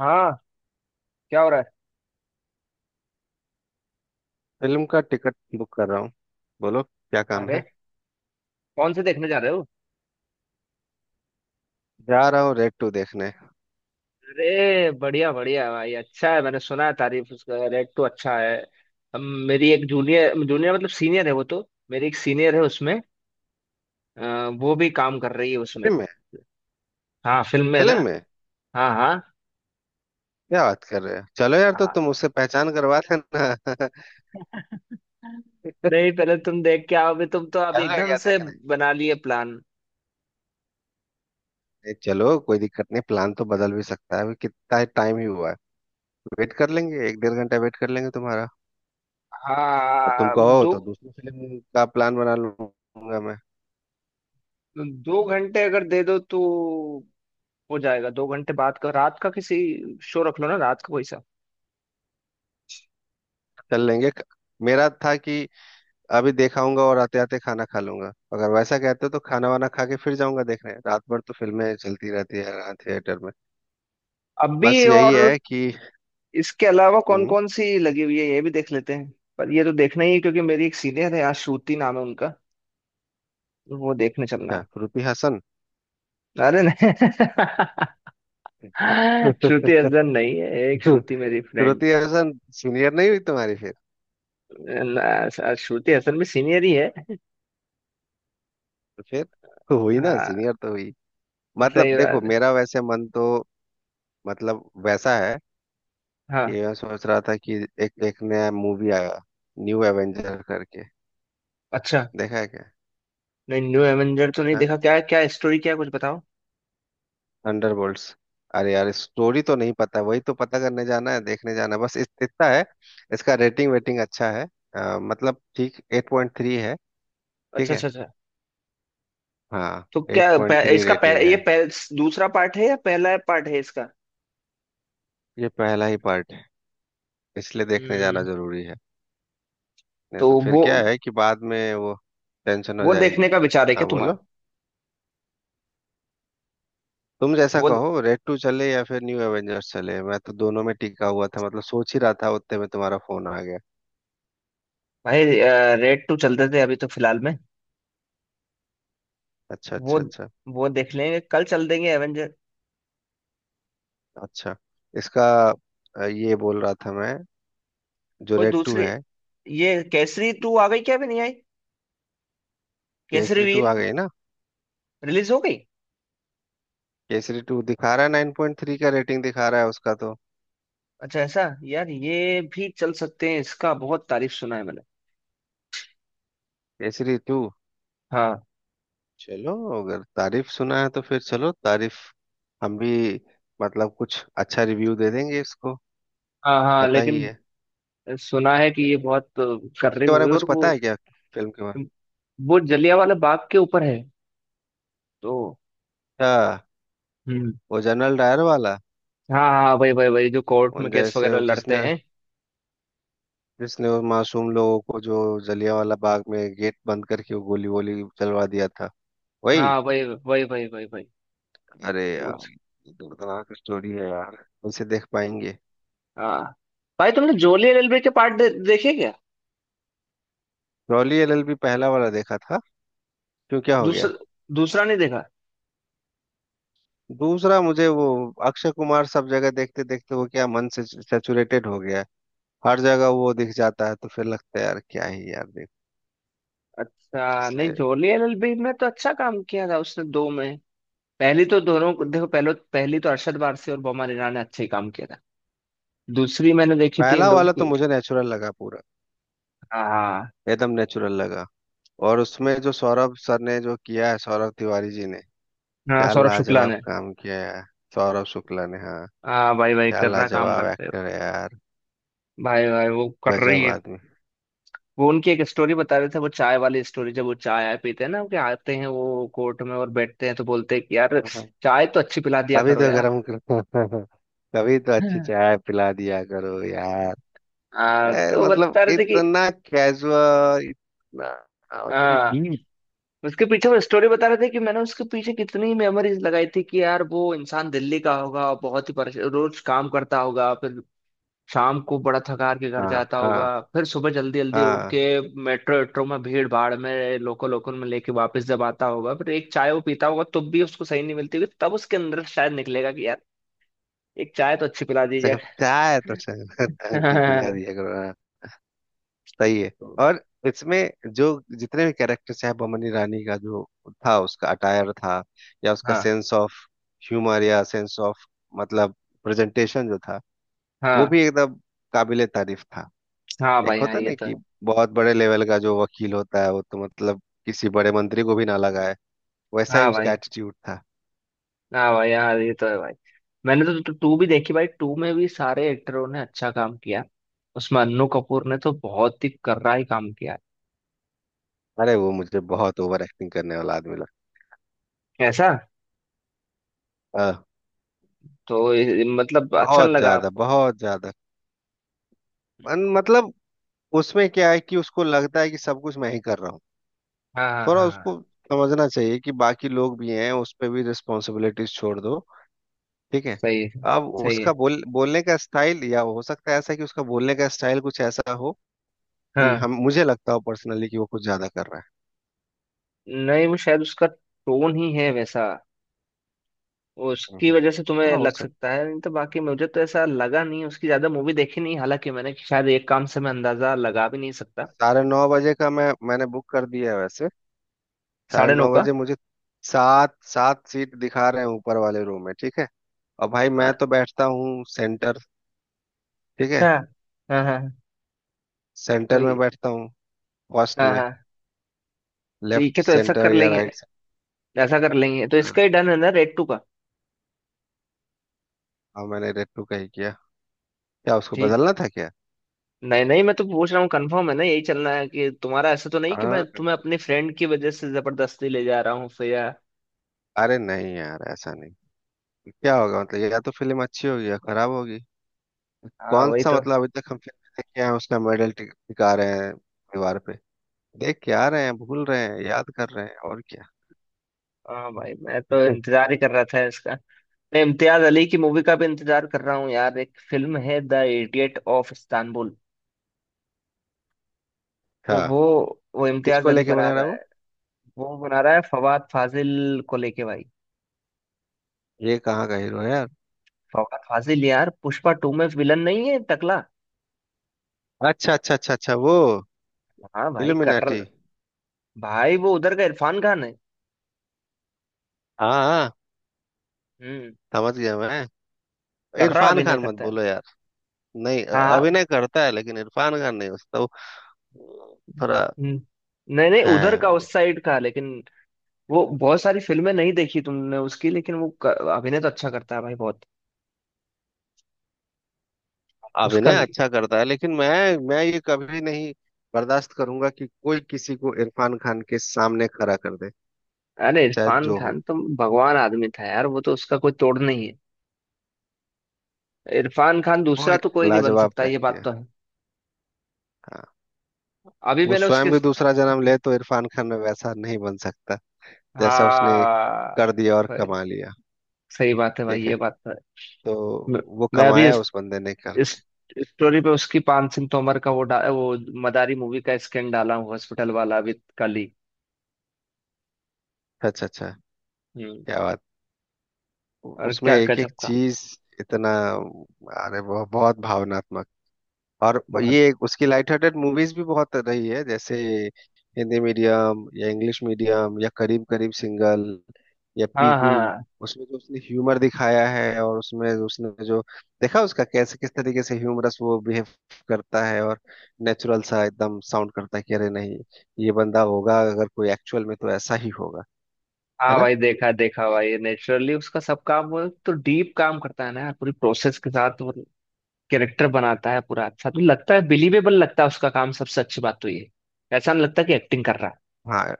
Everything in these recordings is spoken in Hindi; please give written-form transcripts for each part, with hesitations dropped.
हाँ। क्या हो रहा फिल्म का टिकट बुक कर रहा हूँ। बोलो क्या है? काम अरे है। कौन से देखने जा रहे हो? जा रहा हूँ रेड टू देखने। अरे बढ़िया बढ़िया भाई, अच्छा है, मैंने सुना है तारीफ, उसका रेट तो अच्छा है। हम मेरी एक जूनियर जूनियर मतलब सीनियर है वो तो, मेरी एक सीनियर है उसमें, वो भी काम कर रही है उसमें। फिल्म में। हाँ फिल्म में ना। फिल्म में। हाँ हाँ। क्या बात कर रहे हो, चलो यार, तो हाँ तुम उससे पहचान करवा देना। नहीं, पहले तुम देख के आओ, अभी तुम तो अब चल रहे एकदम क्या से देखने? बना लिए प्लान। चलो कोई दिक्कत नहीं, प्लान तो बदल भी सकता है, अभी कितना टाइम ही हुआ है। वेट कर लेंगे एक डेढ़ घंटा वेट कर लेंगे तुम्हारा। और तुम हाँ कहो दो। तो दूसरी फिल्म का प्लान बना लूंगा मैं। दो घंटे अगर दे दो तो हो जाएगा, दो घंटे बाद का रात का किसी शो रख लो ना, रात का कोई सा। चल लेंगे। मेरा था कि अभी देखाऊंगा और आते आते खाना खा लूंगा। अगर वैसा कहते हो तो खाना वाना खा के फिर जाऊंगा देखने, रात भर तो फिल्में चलती रहती है यहाँ थिएटर में। अभी बस यही और, है कि इसके अलावा कौन हम्म। कौन सी लगी हुई है ये भी देख लेते हैं, पर ये तो देखना ही है क्योंकि मेरी एक सीनियर है यहाँ, श्रुति नाम है उनका, वो देखने चलना क्या है। श्रुति हसन? अरे नहीं। श्रुति हसन नहीं है, एक श्रुति मेरी फ्रेंड। श्रुति हसन सीनियर नहीं हुई तुम्हारी फिर? ना, श्रुति हसन भी सीनियर ही है। तो फिर, तो हुई ना, हाँ सीनियर तो हुई। सही मतलब देखो बात है। मेरा वैसे मन तो, मतलब वैसा है कि हाँ मैं सोच रहा था कि एक एक नया मूवी आया, न्यू एवेंजर करके। अच्छा। देखा है क्या? नहीं, न्यू एवेंजर तो नहीं हाँ? देखा, क्या है, क्या स्टोरी क्या है, कुछ बताओ। थंडरबोल्ट्स। अरे यार स्टोरी तो नहीं पता, वही तो पता करने जाना है, देखने जाना है, बस इतना है। इसका रेटिंग वेटिंग अच्छा है। मतलब ठीक 8.3 है। ठीक अच्छा है। अच्छा अच्छा। हाँ। तो एट क्या पह, पॉइंट थ्री इसका पह, रेटिंग ये है। पह, दूसरा पार्ट है या पहला पार्ट है इसका? ये पहला ही पार्ट है, इसलिए देखने जाना हम्म। जरूरी है। नहीं तो तो फिर वो क्या है कि बाद में वो टेंशन हो वो जाएगी। देखने का विचार है क्या हाँ तुम्हारा? बोलो। तुम जैसा वो कहो, रेड टू चले या फिर न्यू एवेंजर्स चले, मैं तो दोनों में टिका हुआ था, मतलब सोच ही रहा था उतने में तुम्हारा फोन आ गया। भाई, रेड टू चलते थे अभी तो फिलहाल में, अच्छा, वो अच्छा, अच्छा। वो देख लेंगे कल, चल देंगे एवेंजर। अच्छा, इसका, ये बोल रहा था मैं, जो कोई रेड टू दूसरी, है। ये केसरी टू आ गई क्या, अभी नहीं आई? केसरी केसरी टू वीर आ गई ना? रिलीज हो गई? केसरी टू दिखा रहा है, 9.3 का रेटिंग दिखा रहा है उसका तो। अच्छा ऐसा? यार ये भी चल सकते हैं, इसका बहुत तारीफ सुना है मैंने। केसरी टू। हाँ चलो, अगर तारीफ सुना है तो फिर चलो तारीफ, हम भी मतलब कुछ अच्छा रिव्यू दे देंगे इसको। हाँ, हाँ पता ही लेकिन है। सुना है कि ये बहुत कर रही उसके बारे में मूवी, कुछ और पता वो है क्या, फिल्म के बारे में? वो जलियांवाला बाग के ऊपर है तो। अच्छा, हम्म। वो जनरल डायर वाला। हाँ हाँ वही वही वही जो कोर्ट में उन केस जैसे, वगैरह वो लड़ते जिसने, हैं। जिसने वो मासूम लोगों को जो जलियांवाला बाग में गेट बंद करके वो गोली वोली चलवा दिया था, वही। हाँ वही वही वही वही वही। अरे वो। यार ये दर्दनाक स्टोरी है यार, इसे देख पाएंगे? हाँ भाई, तुमने जोली एलएलबी के पार्ट देखे क्या? रॉली एलएलबी पहला वाला देखा था। क्यों, क्या हो दूसरा, गया? दूसरा नहीं देखा? दूसरा मुझे वो, अक्षय कुमार सब जगह देखते देखते वो, क्या मन से सैचुरेटेड हो गया है, हर जगह वो दिख जाता है तो फिर लगता है यार क्या ही यार देख, अच्छा, नहीं, इसलिए। जोली एलएलबी में तो अच्छा काम किया था उसने दो में। पहली तो देखो पहले, पहली तो अरशद वारसी और बोमन ईरानी ने अच्छे ही काम किया था। दूसरी मैंने देखी थी इन पहला लोगों वाला तो की। मुझे नेचुरल लगा, पूरा हाँ। एकदम नेचुरल लगा। और उसमें जो सौरभ सर ने जो किया है, सौरभ तिवारी जी ने हाँ क्या सौरभ शुक्ला लाजवाब ने। काम किया है। सौरभ शुक्ला ने, हाँ। हाँ भाई भाई क्या कर रहा काम लाजवाब करते हो। एक्टर है यार, भाई भाई वो कर रही गजब है। आदमी। वो उनकी एक स्टोरी बता रहे थे, वो चाय वाली स्टोरी, जब वो चाय आय पीते हैं ना, कि आते हैं वो कोर्ट में और बैठते हैं तो बोलते हैं कि यार, हाँ, हाँ। चाय तो अच्छी पिला दिया अभी करो तो गर्म कर कभी तो अच्छी यार। चाय पिला दिया करो यार। आ, तो मतलब बता रहे थे कि, इतना कैजुअल, इतना मतलब आ, डीप। उसके पीछे वो स्टोरी बता रहे थे कि मैंने उसके पीछे कितनी मेमोरीज लगाई थी कि यार, वो इंसान दिल्ली का होगा, बहुत ही परेशान रोज काम करता होगा, फिर शाम को बड़ा थकार के घर हाँ, जाता होगा, हाँ, फिर सुबह जल्दी जल्दी उठ के हाँ। मेट्रो मेट्रो में भीड़ भाड़ में लोकल लोकल में लेके वापस जब आता होगा, फिर एक चाय वो पीता होगा तब भी उसको सही नहीं मिलती होगी, तब उसके अंदर शायद निकलेगा कि यार, एक चाय तो अच्छी पिला कम दी से कम जाए। चाय तो चाय ढंग की पिला दिया करो हाँ। सही है। तो और इसमें जो जितने भी कैरेक्टर्स हैं, बमनी रानी का जो था, उसका अटायर था, या उसका हाँ सेंस ऑफ ह्यूमर, या सेंस ऑफ, मतलब प्रेजेंटेशन जो था, वो हाँ, भी एकदम काबिले तारीफ था। हाँ एक भाई हाँ होता ये नहीं तो कि है। बहुत बड़े लेवल का जो वकील होता है वो तो मतलब किसी बड़े मंत्री को भी ना लगाए, वैसा ही हाँ उसका भाई, एटीट्यूड था। हाँ भाई यार ये तो है भाई, मैंने तो टू भी देखी भाई, टू में भी सारे एक्टरों ने अच्छा काम किया, उसमें अन्नू कपूर ने तो बहुत ही कर्रा ही काम किया। अरे वो मुझे बहुत ओवर एक्टिंग करने वाला आदमी है ऐसा? लगा। तो मतलब अच्छा नहीं बहुत लगा ज्यादा, आपको? बहुत ज्यादा। मतलब उसमें क्या है कि उसको लगता है कि सब कुछ मैं ही कर रहा हूँ। हाँ हाँ थोड़ा हाँ हाँ, उसको समझना चाहिए कि बाकी लोग भी हैं, उस पर भी रिस्पॉन्सिबिलिटीज छोड़ दो। ठीक है। सही है। अब सही है। उसका बोलने का स्टाइल, या हो सकता है ऐसा कि उसका बोलने का स्टाइल कुछ ऐसा हो कि हाँ, हम, मुझे लगता हो पर्सनली कि वो कुछ ज्यादा कर रहा है। नहीं वो शायद उसका टोन ही है वैसा, उसकी हम्म, वजह से तुम्हें हाँ हो लग सकता सकता है। है, नहीं तो बाकी मुझे तो ऐसा लगा नहीं, उसकी ज्यादा मूवी देखी नहीं हालांकि मैंने, शायद एक काम से मैं अंदाजा लगा भी नहीं सकता। 9:30 बजे का मैंने बुक कर दिया है वैसे। साढ़े साढ़े नौ नौ का? बजे मुझे सात सात सीट दिखा रहे हैं ऊपर वाले रूम में, ठीक है। और भाई मैं अ- तो बैठता हूँ सेंटर, ठीक अच्छा। है। हाँ हाँ हाँ। तो सेंटर में बैठता हूँ फर्स्ट हाँ में, हाँ लेफ्ट ठीक है, तो ऐसा सेंटर कर या लेंगे, राइट सेंटर। ऐसा कर लेंगे, तो हाँ। इसका ही डन है ना, रेड टू का? हाँ, मैंने रेड टू का ही किया। क्या उसको ठीक। बदलना था क्या? नहीं नहीं, मैं तो पूछ रहा हूँ कंफर्म है ना, यही चलना है कि, तुम्हारा ऐसा तो नहीं कि मैं हाँ तुम्हें confirm। अपने फ्रेंड की वजह से जबरदस्ती ले जा रहा हूँ फिर, या? अरे नहीं यार, ऐसा नहीं क्या होगा, मतलब या तो फिल्म अच्छी होगी या खराब होगी। हाँ कौन वही सा तो। मतलब, अभी तक हम फिल्म देखे हैं उसका मेडल टिका रहे हैं दीवार, देख के आ रहे हैं, भूल रहे हैं, याद कर रहे हैं, और क्या। हाँ भाई, मैं तो इंतजार ही कर रहा था इसका। मैं इम्तियाज अली की मूवी का भी इंतजार कर रहा हूँ यार, एक फिल्म है द इडियट ऑफ इस्तांबुल, तो हाँ। वो इम्तियाज किसको अली लेके बना बना रहा है रहा वो? है। वो बना रहा है फवाद फाजिल को लेके भाई। ये कहाँ का हीरो है यार? फवाद फाजिल यार, पुष्पा टू में विलन नहीं है टकला। अच्छा, अच्छा, अच्छा, अच्छा, वो हाँ भाई कर, इल्यूमिनाटी। भाई वो उधर का इरफान खान है। हाँ, हाँ, हम्म, समझ गया मैं। कर रहा, इरफान अभिनय खान मत करता है। बोलो यार। नहीं हाँ। अभिनय करता है लेकिन इरफान खान नहीं, उसका वो थोड़ा हम्म। नहीं नहीं उधर है। का, उस साइड का, लेकिन वो, बहुत सारी फिल्में नहीं देखी तुमने उसकी, लेकिन वो अभिनय तो अच्छा करता है भाई बहुत, उसका। अभिनय अच्छा करता है, लेकिन मैं ये कभी नहीं बर्दाश्त करूंगा कि कोई किसी को इरफान खान के सामने खड़ा कर दे। अरे चाहे इरफान जो हो। खान तो भगवान आदमी था यार, वो तो, उसका कोई तोड़ नहीं है। इरफान खान वो दूसरा तो एक कोई नहीं बन लाजवाब सकता, ये व्यक्ति बात है। तो है। हाँ। अभी वो मैंने उसकी। स्वयं भी दूसरा जन्म ले तो इरफान खान वैसा नहीं बन सकता, जैसा उसने कर हाँ। दिया और सही, कमा लिया। सही बात है भाई, ठीक है। ये बात तो है। तो मैं वो मैं अभी कमाया इस उस बंदे ने इस करके। स्टोरी पे उसकी पान सिंह तोमर का वो वो मदारी मूवी का स्कैन डाला हूँ, हॉस्पिटल वाला विद कली। अच्छा, अच्छा, हम्म। क्या बात। और उसमें क्या एक एक गजब का, चीज इतना, अरे बहुत बहुत भावनात्मक। और बहुत। ये उसकी लाइट हार्टेड मूवीज भी बहुत रही है, जैसे हिंदी मीडियम, या इंग्लिश मीडियम, या करीब करीब सिंगल, या हाँ पीगू। हाँ। उसमें जो उसने ह्यूमर दिखाया है, और उसमें उसने जो देखा, उसका कैसे किस तरीके से ह्यूमरस वो बिहेव करता है, और नेचुरल सा एकदम साउंड करता है कि अरे नहीं, ये बंदा होगा अगर कोई एक्चुअल में तो ऐसा ही होगा, है हाँ ना। भाई देखा देखा भाई, नेचुरली उसका सब काम, वो तो डीप काम करता है ना यार, पूरी प्रोसेस के साथ वो कैरेक्टर बनाता है पूरा, अच्छा तो लगता है, बिलीवेबल लगता है उसका काम, सबसे अच्छी बात तो ये है। ऐसा नहीं लगता कि एक्टिंग कर रहा हाँ,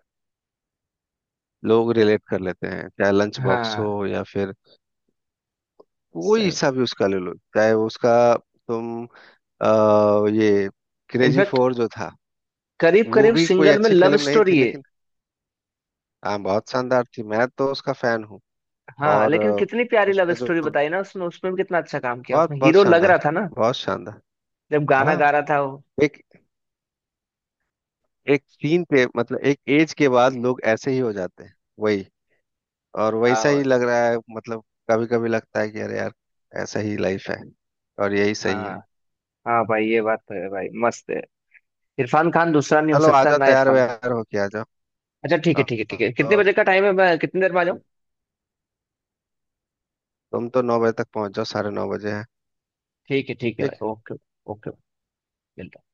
लोग रिलेट कर लेते हैं, चाहे लंच है। बॉक्स हो हाँ या फिर कोई सही। सा भी उसका ले लो, चाहे उसका तुम, अ, ये क्रेजी इनफैक्ट फोर जो था, करीब वो करीब भी कोई सिंगल में अच्छी लव फिल्म नहीं थी स्टोरी है। लेकिन हाँ बहुत शानदार थी, मैं तो उसका फैन हूँ। हाँ और लेकिन कितनी प्यारी लव उसमें जो स्टोरी बताई ना उसने, उसमें भी कितना अच्छा काम किया, बहुत उसमें बहुत हीरो लग रहा शानदार, था ना बहुत शानदार। जब गाना हाँ। गा रहा था वो। एक एक सीन पे मतलब एक एज के बाद लोग ऐसे ही हो जाते हैं, वही। और वैसा हाँ ही लग रहा है, मतलब कभी कभी लगता है कि अरे यार ऐसा ही लाइफ है, और यही सही हाँ। है। हाँ भाई ये बात तो है भाई, मस्त है, इरफान खान दूसरा नहीं हो चलो आ सकता जाओ, ना, तैयार इरफान खान। व्यार होके आ जाओ। अच्छा ठीक है ठीक है ठीक आओ, है, कितने आओ। बजे का टाइम है, मैं कितनी देर में आ जाऊँ? तुम तो 9 बजे तक पहुंच जाओ, 9:30 बजे है। ठीक है ठीक भाई, ओके। ओके। मिलता है।